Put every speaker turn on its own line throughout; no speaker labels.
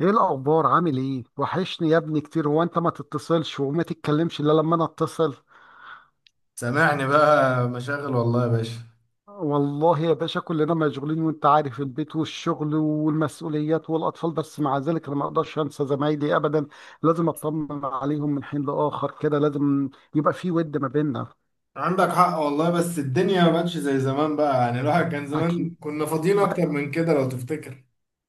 ايه الاخبار؟ عامل ايه؟ وحشني يا ابني كتير، هو انت ما تتصلش وما تتكلمش الا لما انا اتصل.
سامعني بقى، مشاغل والله يا باشا.
والله يا باشا كلنا مشغولين، وانت عارف البيت والشغل والمسؤوليات والاطفال، بس مع ذلك انا ما اقدرش انسى زمايلي ابدا. لازم اطمن عليهم من حين لاخر، كده لازم يبقى في ود ما بيننا.
عندك حق والله، بس الدنيا ما بقتش زي زمان، بقى يعني الواحد كان زمان
اكيد،
كنا فاضيين اكتر من كده لو تفتكر.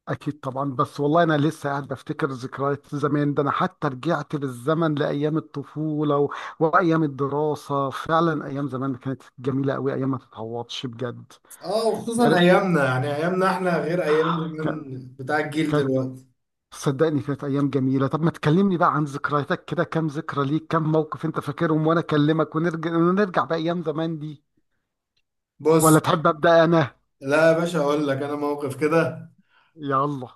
اكيد طبعا، بس والله انا لسه قاعد بفتكر ذكريات زمان، ده انا حتى رجعت بالزمن لايام الطفوله وايام الدراسه، فعلا ايام زمان كانت جميله قوي، ايام ما تتعوضش بجد.
اه،
يا
وخصوصا
ريت.
ايامنا، يعني ايامنا احنا غير ايام
ك...
زمان بتاع الجيل
كانت
دلوقتي.
صدقني كانت ايام جميله. طب ما تكلمني بقى عن ذكرياتك، كده كام ذكرى ليك، كام موقف انت فاكرهم، وانا اكلمك ونرجع نرجع بايام زمان دي. ولا
بص،
تحب ابدا؟ انا...
لا يا باشا، اقول لك انا موقف كده.
يلا.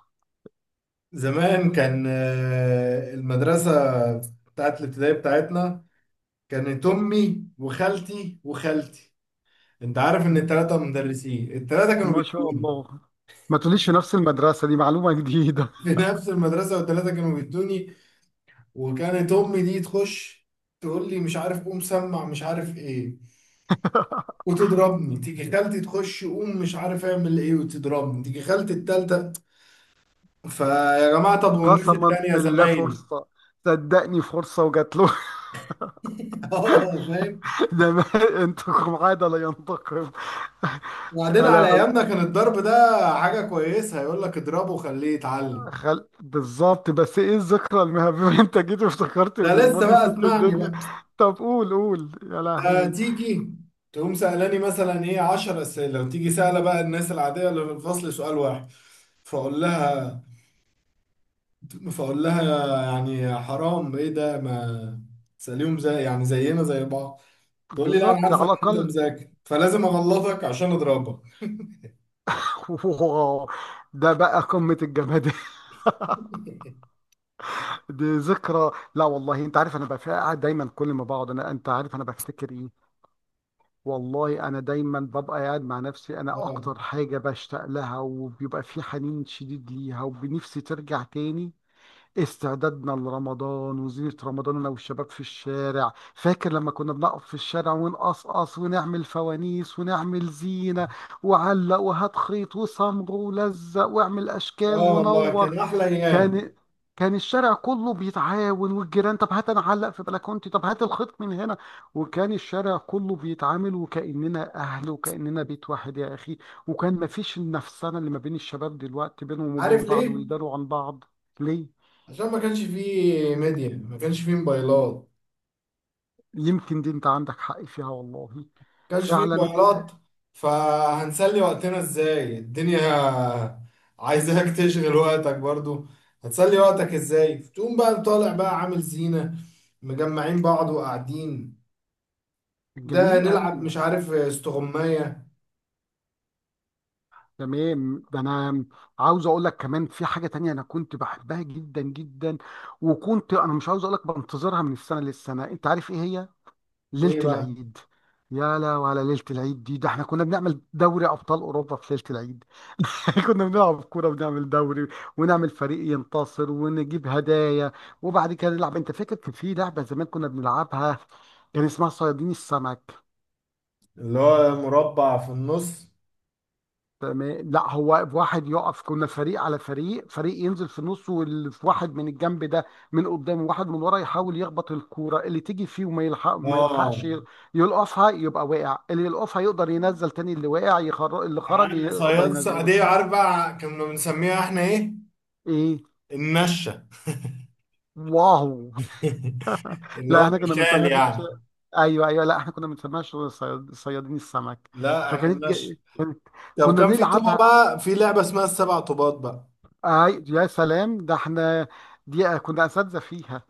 زمان كان المدرسة بتاعت الابتدائي بتاعتنا كانت امي وخالتي وخالتي. انت عارف ان
م-
التلاتة مدرسين، التلاتة كانوا
ما شاء
بيدوني.
الله. ما تقوليش! في نفس المدرسه دي؟ معلومه جديده.
في نفس المدرسة، والتلاتة كانوا بيدوني. وكانت امي دي تخش تقول لي مش عارف قوم سمع مش عارف ايه وتضربني، تيجي خالتي تخش قوم مش عارف اعمل ايه وتضربني، تيجي خالتي التالتة. فيا جماعة، طب والناس
قسما
التانية
بالله،
زمايلي؟
فرصة. صدقني، فرصة وجات له.
اه، فاهم.
ده انتكم عادة لا ينتقم.
وبعدين
يا
على
لهوي.
ايامنا كان الضرب ده حاجة كويسة، يقول لك اضربه وخليه يتعلم.
بالظبط، بس ايه الذكرى المهمة؟ انت جيت وافتكرت
ده
من
لسه
الماضي،
بقى،
سبت
اسمعني
الدنيا.
بقى.
طب قول قول، يا
ده
لهوي.
تيجي تقوم سألاني مثلا ايه 10 اسئلة، وتيجي سألة بقى الناس العادية اللي في الفصل سؤال واحد. فاقول فاقول لها يعني حرام ايه ده، ما تسأليهم زي، يعني زينا زي بعض. تقول لي لا، انا
بالظبط، على
عارفه ان انت
الأقل.
مذاكر فلازم اغلطك عشان اضربك.
ده بقى قمة الجماد. دي ذكرى، لا والله، انت عارف انا بقى قاعد دايما، كل ما بقعد انا، انت عارف انا بفتكر ايه؟ والله انا دايما ببقى قاعد مع نفسي، انا اكتر
اه.
حاجه بشتاق لها وبيبقى في حنين شديد ليها وبنفسي ترجع تاني. استعدادنا لرمضان وزينة رمضان، انا والشباب في الشارع، فاكر لما كنا بنقف في الشارع ونقصقص ونعمل فوانيس ونعمل زينه، وعلق وهات خيط وصمغ ولزق واعمل اشكال
اه والله
ونور.
كان احلى ايام.
كان كان الشارع كله بيتعاون، والجيران، طب هات انا اعلق في بلكونتي، طب هات الخيط من هنا، وكان الشارع كله بيتعامل وكأننا اهل وكأننا بيت واحد يا اخي، وكان مفيش النفسنة اللي ما بين الشباب دلوقتي بينهم
عارف
وبين بعض
ليه؟
ويداروا عن بعض. ليه؟
عشان ما كانش فيه ميديا، ما كانش فيه موبايلات.
يمكن دي انت عندك حق فيها والله.
ما كانش فيه
فعلا.
موبايلات. فهنسلي وقتنا ازاي الدنيا؟ عايزاك تشغل وقتك برضو. هتسلي وقتك ازاي؟ تقوم بقى طالع بقى عامل زينة، مجمعين بعض وقاعدين. ده
جميل قوي.
نلعب مش عارف استغماية.
تمام، ده انا عاوز اقول لك كمان في حاجة تانية انا كنت بحبها جدا جدا، وكنت انا، مش عاوز اقول لك، بنتظرها من السنة للسنة، انت عارف ايه هي؟ ليلة
ايه بقى؟
العيد. يا لا، وعلى ليلة العيد دي، ده احنا كنا بنعمل دوري أبطال أوروبا في ليلة العيد. كنا بنلعب كورة ونعمل دوري، ونعمل فريق ينتصر ونجيب هدايا، وبعد كده نلعب، انت فاكر كان في لعبة زمان كنا بنلعبها؟ كان اسمها صيادين السمك.
اللي هو مربع في النص.
تمام. لا، هو واحد يقف، كنا فريق على فريق، فريق ينزل في النص، واللي في، واحد من الجنب ده من قدام، وواحد من ورا يحاول يخبط الكوره اللي تيجي فيه، وما يلحق ما
اه،
يلحقش يلقفها يبقى واقع، اللي يلقفها يقدر ينزل تاني، اللي واقع اللي خرج يقدر ينزله.
صيادية، عارف بقى كنا بنسميها احنا ايه؟
ايه؟
النشة.
واو.
اللي هو
لا احنا كنا
المثال
بنسميها
يعني.
ايوه، ايوه، لا احنا كنا بنسميها شغل صيادين السمك.
لا، احنا
فكانت
النشة.
كانت
طب
كنا
كان في طوبة
نلعبها.
بقى، في لعبة اسمها السبع طوبات بقى.
اي يا سلام، ده احنا، دي كنا اساتذه فيها.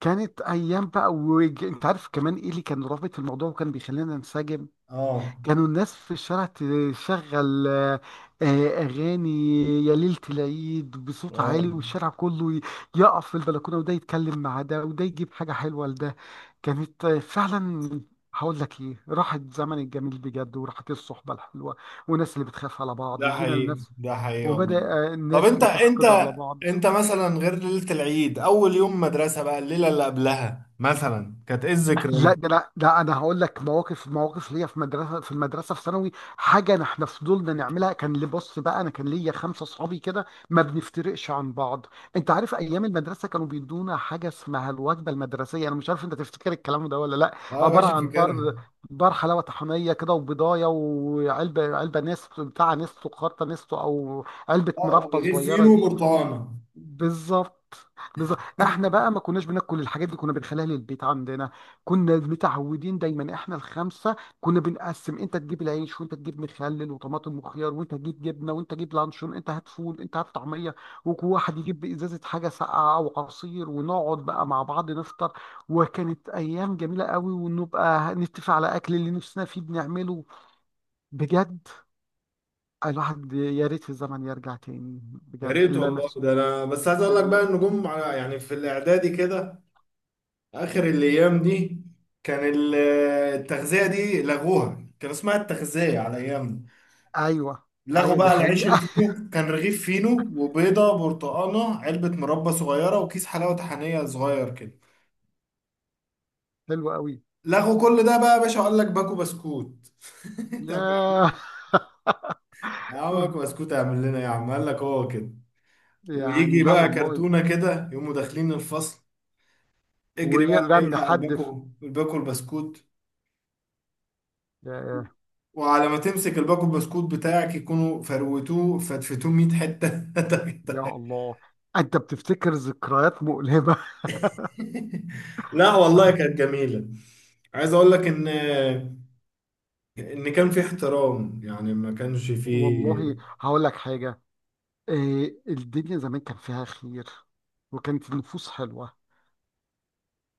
كانت ايام بقى، انت عارف كمان ايه اللي كان رابط الموضوع وكان بيخلينا ننسجم؟
اه.
كانوا الناس في الشارع تشغل اغاني يا ليلة العيد بصوت
واو.
عالي، والشارع كله يقف في البلكونة، وده يتكلم مع ده وده يجيب حاجة حلوة لده. كانت فعلا، هقول لك ايه؟ راحت زمن الجميل بجد، وراحت الصحبة الحلوة، والناس اللي بتخاف على بعض،
ده
وجينا
حقيقي،
لناس،
ده حقيقي والله.
وبدأ
طب
الناس
انت، انت
بتحقد على بعض.
انت مثلا، غير ليلة العيد، اول يوم مدرسة بقى الليلة اللي قبلها مثلا، كانت ايه الذكرى؟
لا ده انا هقول لك مواقف، مواقف ليا، في المدرسه في ثانوي، حاجه إن احنا فضلنا نعملها، كان لي، بص بقى انا، كان ليا خمسه اصحابي كده، ما بنفترقش عن بعض. انت عارف ايام المدرسه كانوا بيدونا حاجه اسمها الوجبه المدرسيه؟ انا مش عارف انت تفتكر الكلام ده ولا لا.
اه يا
عباره
باشا،
عن بار
فاكرها.
بار حلاوه طحينيه كده، وبضايه، وعلبه نستو، بتاع نستو خرطه نستو، او علبه
اه،
مربطه
غير
صغيره
فينو
دي.
وبرتقانه.
بالظبط، بالظبط، احنا بقى ما كناش بناكل الحاجات دي، كنا بنخليها للبيت عندنا. كنا متعودين دايما احنا الخمسه، كنا بنقسم، انت تجيب العيش، وانت تجيب مخلل وطماطم وخيار، وانت تجيب جبنه، وانت تجيب لانشون، انت هات فول، انت هات طعميه، وواحد يجيب ازازه حاجه ساقعه او عصير، ونقعد بقى مع بعض نفطر. وكانت ايام جميله قوي، ونبقى نتفق على اكل اللي نفسنا فيه بنعمله. بجد، الواحد يا ريت الزمن يرجع تاني.
يا
بجد
ريت والله،
اللمس.
ده انا بس عايز اقول لك بقى ان جم يعني في الاعدادي كده، اخر الايام دي كان ال- التغذيه دي لغوها، كان اسمها التغذيه على ايامنا.
ايوه،
لغوا
ايوه، دي
بقى، العيش
حقيقة.
الفينو كان رغيف فينو وبيضه برتقانه، علبه مربى صغيره، وكيس حلاوه طحينيه صغير كده.
حلوة قوي.
لغوا كل ده بقى يا باشا، قال لك باكو بسكوت. طب
ياه.
يا عم، باكو بسكوت اعمل لنا إيه يا عم؟ قال لك هو كده.
يعني
ويجي
لا
بقى
والله.
كرتونة كده، يقوموا داخلين الفصل. اجري بقى اللي
ويرمي
يلحق
حد في...
الباكو البسكوت.
ياه.
وعلى ما تمسك الباكو البسكوت بتاعك، يكونوا فروتوه فتفتوه 100 حتة.
يا الله، انت بتفتكر ذكريات مؤلمة.
لا والله، كانت جميلة. عايز اقول لك ان كان في احترام، يعني ما كانش في.
والله هقول لك حاجة، إيه الدنيا زمان، كان فيها خير، وكانت النفوس حلوة.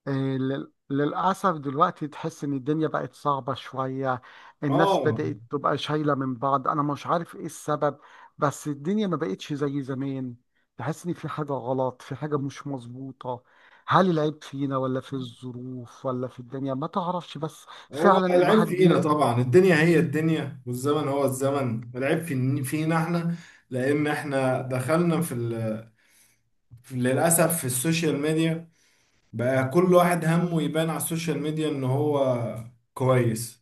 آه، للأسف دلوقتي تحس إن الدنيا بقت صعبة شوية، الناس
اه،
بدأت تبقى شايلة من بعض، أنا مش عارف إيه السبب، بس الدنيا ما بقتش زي زمان، تحس إن في حاجة غلط، في حاجة مش مظبوطة. هل العيب فينا ولا في الظروف ولا في الدنيا؟ ما تعرفش بس.
هو
فعلا،
العيب
الواحد
فينا
بي...
طبعا، الدنيا هي الدنيا والزمن هو الزمن، العيب فينا احنا. لان احنا دخلنا في ال للأسف في السوشيال ميديا. بقى كل واحد همه يبان على السوشيال ميديا إن هو كويس.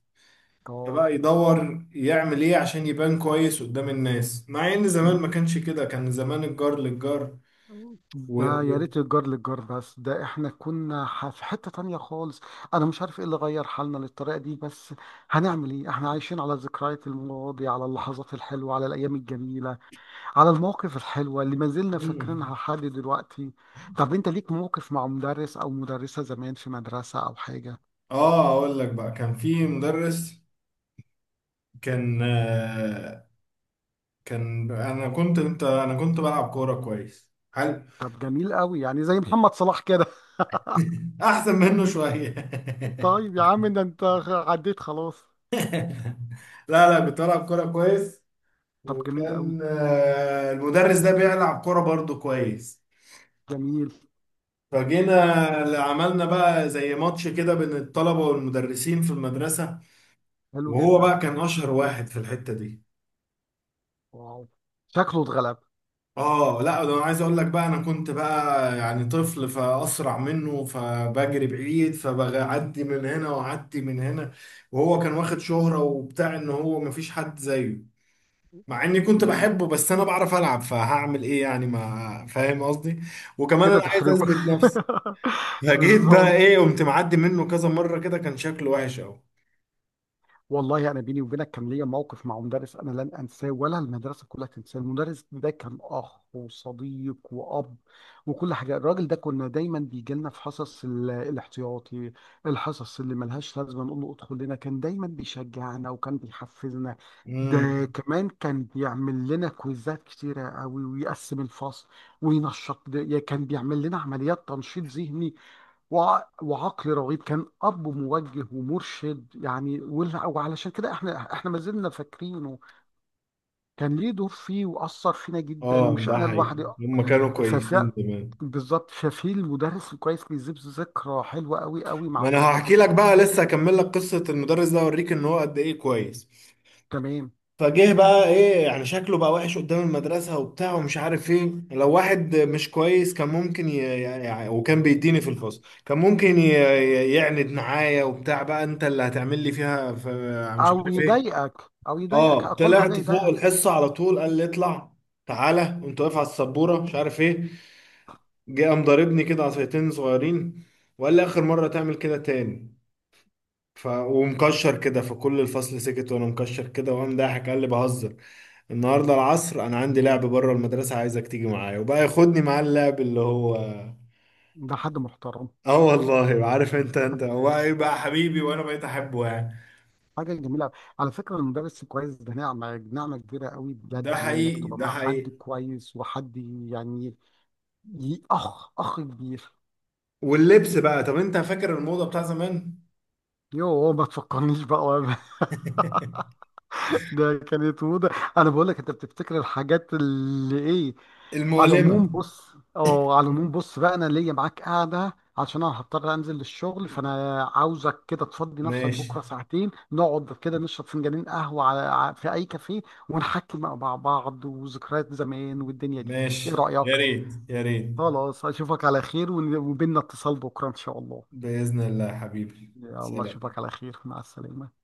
فبقى يدور يعمل إيه عشان يبان كويس قدام الناس، مع إن زمان
آه،
ما كانش كده، كان زمان الجار للجار. و...
ده يا
و...
ريت الجار للجار، بس ده احنا كنا في حتة تانية خالص. انا مش عارف ايه اللي غير حالنا للطريقة دي، بس هنعمل ايه؟ احنا عايشين على ذكريات الماضي، على اللحظات الحلوة، على الايام الجميلة، على المواقف الحلوة اللي ما زلنا
مم.
فاكرينها لحد دلوقتي. طب انت ليك موقف مع مدرس او مدرسة زمان في مدرسة او حاجة؟
أقول لك بقى، كان في مدرس. كان آه، كان أنا كنت أنت أنا كنت بلعب كورة كويس. حلو.
طب جميل قوي، يعني زي محمد صلاح كده.
أحسن منه شوية.
طيب يا عم، ده انت عديت خلاص.
لا، لا، كنت بلعب كورة كويس.
طب جميل قوي،
وكان المدرس ده بيلعب كرة برضه كويس.
جميل.
فجينا اللي عملنا بقى زي ماتش كده بين الطلبة والمدرسين في المدرسة.
حلو
وهو
جدا.
بقى كان أشهر واحد في الحتة دي.
واو، شكله اتغلب.
اه، لا ده انا عايز اقول لك بقى، انا كنت بقى يعني طفل فاسرع منه، فبجري بعيد فبعدي من هنا واعدي من هنا. وهو كان واخد شهرة وبتاع ان هو مفيش حد زيه. مع اني كنت
مم.
بحبه بس انا بعرف العب، فهعمل ايه يعني؟ ما فاهم قصدي؟ وكمان
كده
انا عايز
تحرجه.
اثبت نفسي. فجيت بقى
بالظبط.
ايه، قمت معدي منه كذا مره كده، كان شكله وحش قوي.
والله يعني بيني وبينك، كان ليا موقف مع مدرس، انا لن انساه ولا المدرسه كلها تنساه. المدرس ده كان اخ وصديق واب وكل حاجه، الراجل ده كنا دايما بيجي لنا في حصص الاحتياطي، الحصص اللي ملهاش لازمه، نقول له ادخل لنا، كان دايما بيشجعنا وكان بيحفزنا. ده
امم.
كمان كان بيعمل لنا كويزات كتيرة قوي، ويقسم الفصل كان بيعمل لنا عمليات تنشيط ذهني، وعقل رغيد، كان أب موجه ومرشد يعني، وعلشان كده احنا ما زلنا فاكرينه، كان ليه دور فيه وأثر فينا جدا،
اه،
مش
ده
أنا
حقيقي،
لوحدي.
هم كانوا
ففي...
كويسين زمان.
بالظبط، ففي المدرس الكويس بيسيب ذكرى حلوة قوي قوي مع
ما انا
الطلبة
هحكي لك
بتوعه.
بقى، لسه هكمل لك قصه المدرس ده، اوريك ان هو قد ايه كويس.
تمام.
فجه بقى ايه يعني، شكله بقى وحش قدام المدرسة وبتاع ومش عارف ايه. لو واحد مش كويس كان ممكن يعني، وكان بيديني في الفصل كان ممكن يعند معايا وبتاع، بقى انت اللي هتعمل لي فيها مش
أو
عارف ايه.
يضايقك أو يضايقك
اه،
أقل حاجة
طلعت فوق
يضايقك.
الحصة على طول، قال لي اطلع تعالى، وانت واقف على السبورة مش عارف ايه. جه قام ضاربني كده عصايتين صغيرين، وقال لي اخر مرة تعمل كده تاني. ومكشر كده، فكل الفصل سكت وانا مكشر كده، وقام ضاحك قال لي بهزر. النهارده العصر انا عندي لعب بره المدرسه، عايزك تيجي معايا، وبقى ياخدني معاه اللعب اللي هو.
ده حد محترم.
اه والله، عارف انت هو ايه بقى، يبقى حبيبي وانا بقيت احبه يعني.
حاجة جميلة. على فكرة، المدرس الكويس ده نعمة كبيرة قوي
ده
بجد، إنك
حقيقي،
تبقى
ده
مع
حقيقي.
حد كويس وحد يعني، أخ كبير.
واللبس بقى، طب انت فاكر الموضه بتاع زمان؟
يوه، ما تفكرنيش بقى ده كانت موضة. انا بقول لك، انت بتفتكر الحاجات اللي ايه؟ على العموم
المؤلمه.
بص اه على العموم بص بقى، انا ليا معاك قاعده عشان انا هضطر انزل للشغل، فانا عاوزك كده تفضي نفسك
ماشي.
بكره ساعتين، نقعد كده نشرب فنجانين قهوه في اي كافيه، ونحكي مع بعض وذكريات زمان والدنيا دي. ايه
ماشي.
رايك؟
يا ريت، يا ريت.
خلاص، اشوفك على خير، وبيننا اتصال بكره ان شاء الله.
باذن الله يا حبيبي.
يلا،
سلام.
اشوفك على خير، مع السلامه.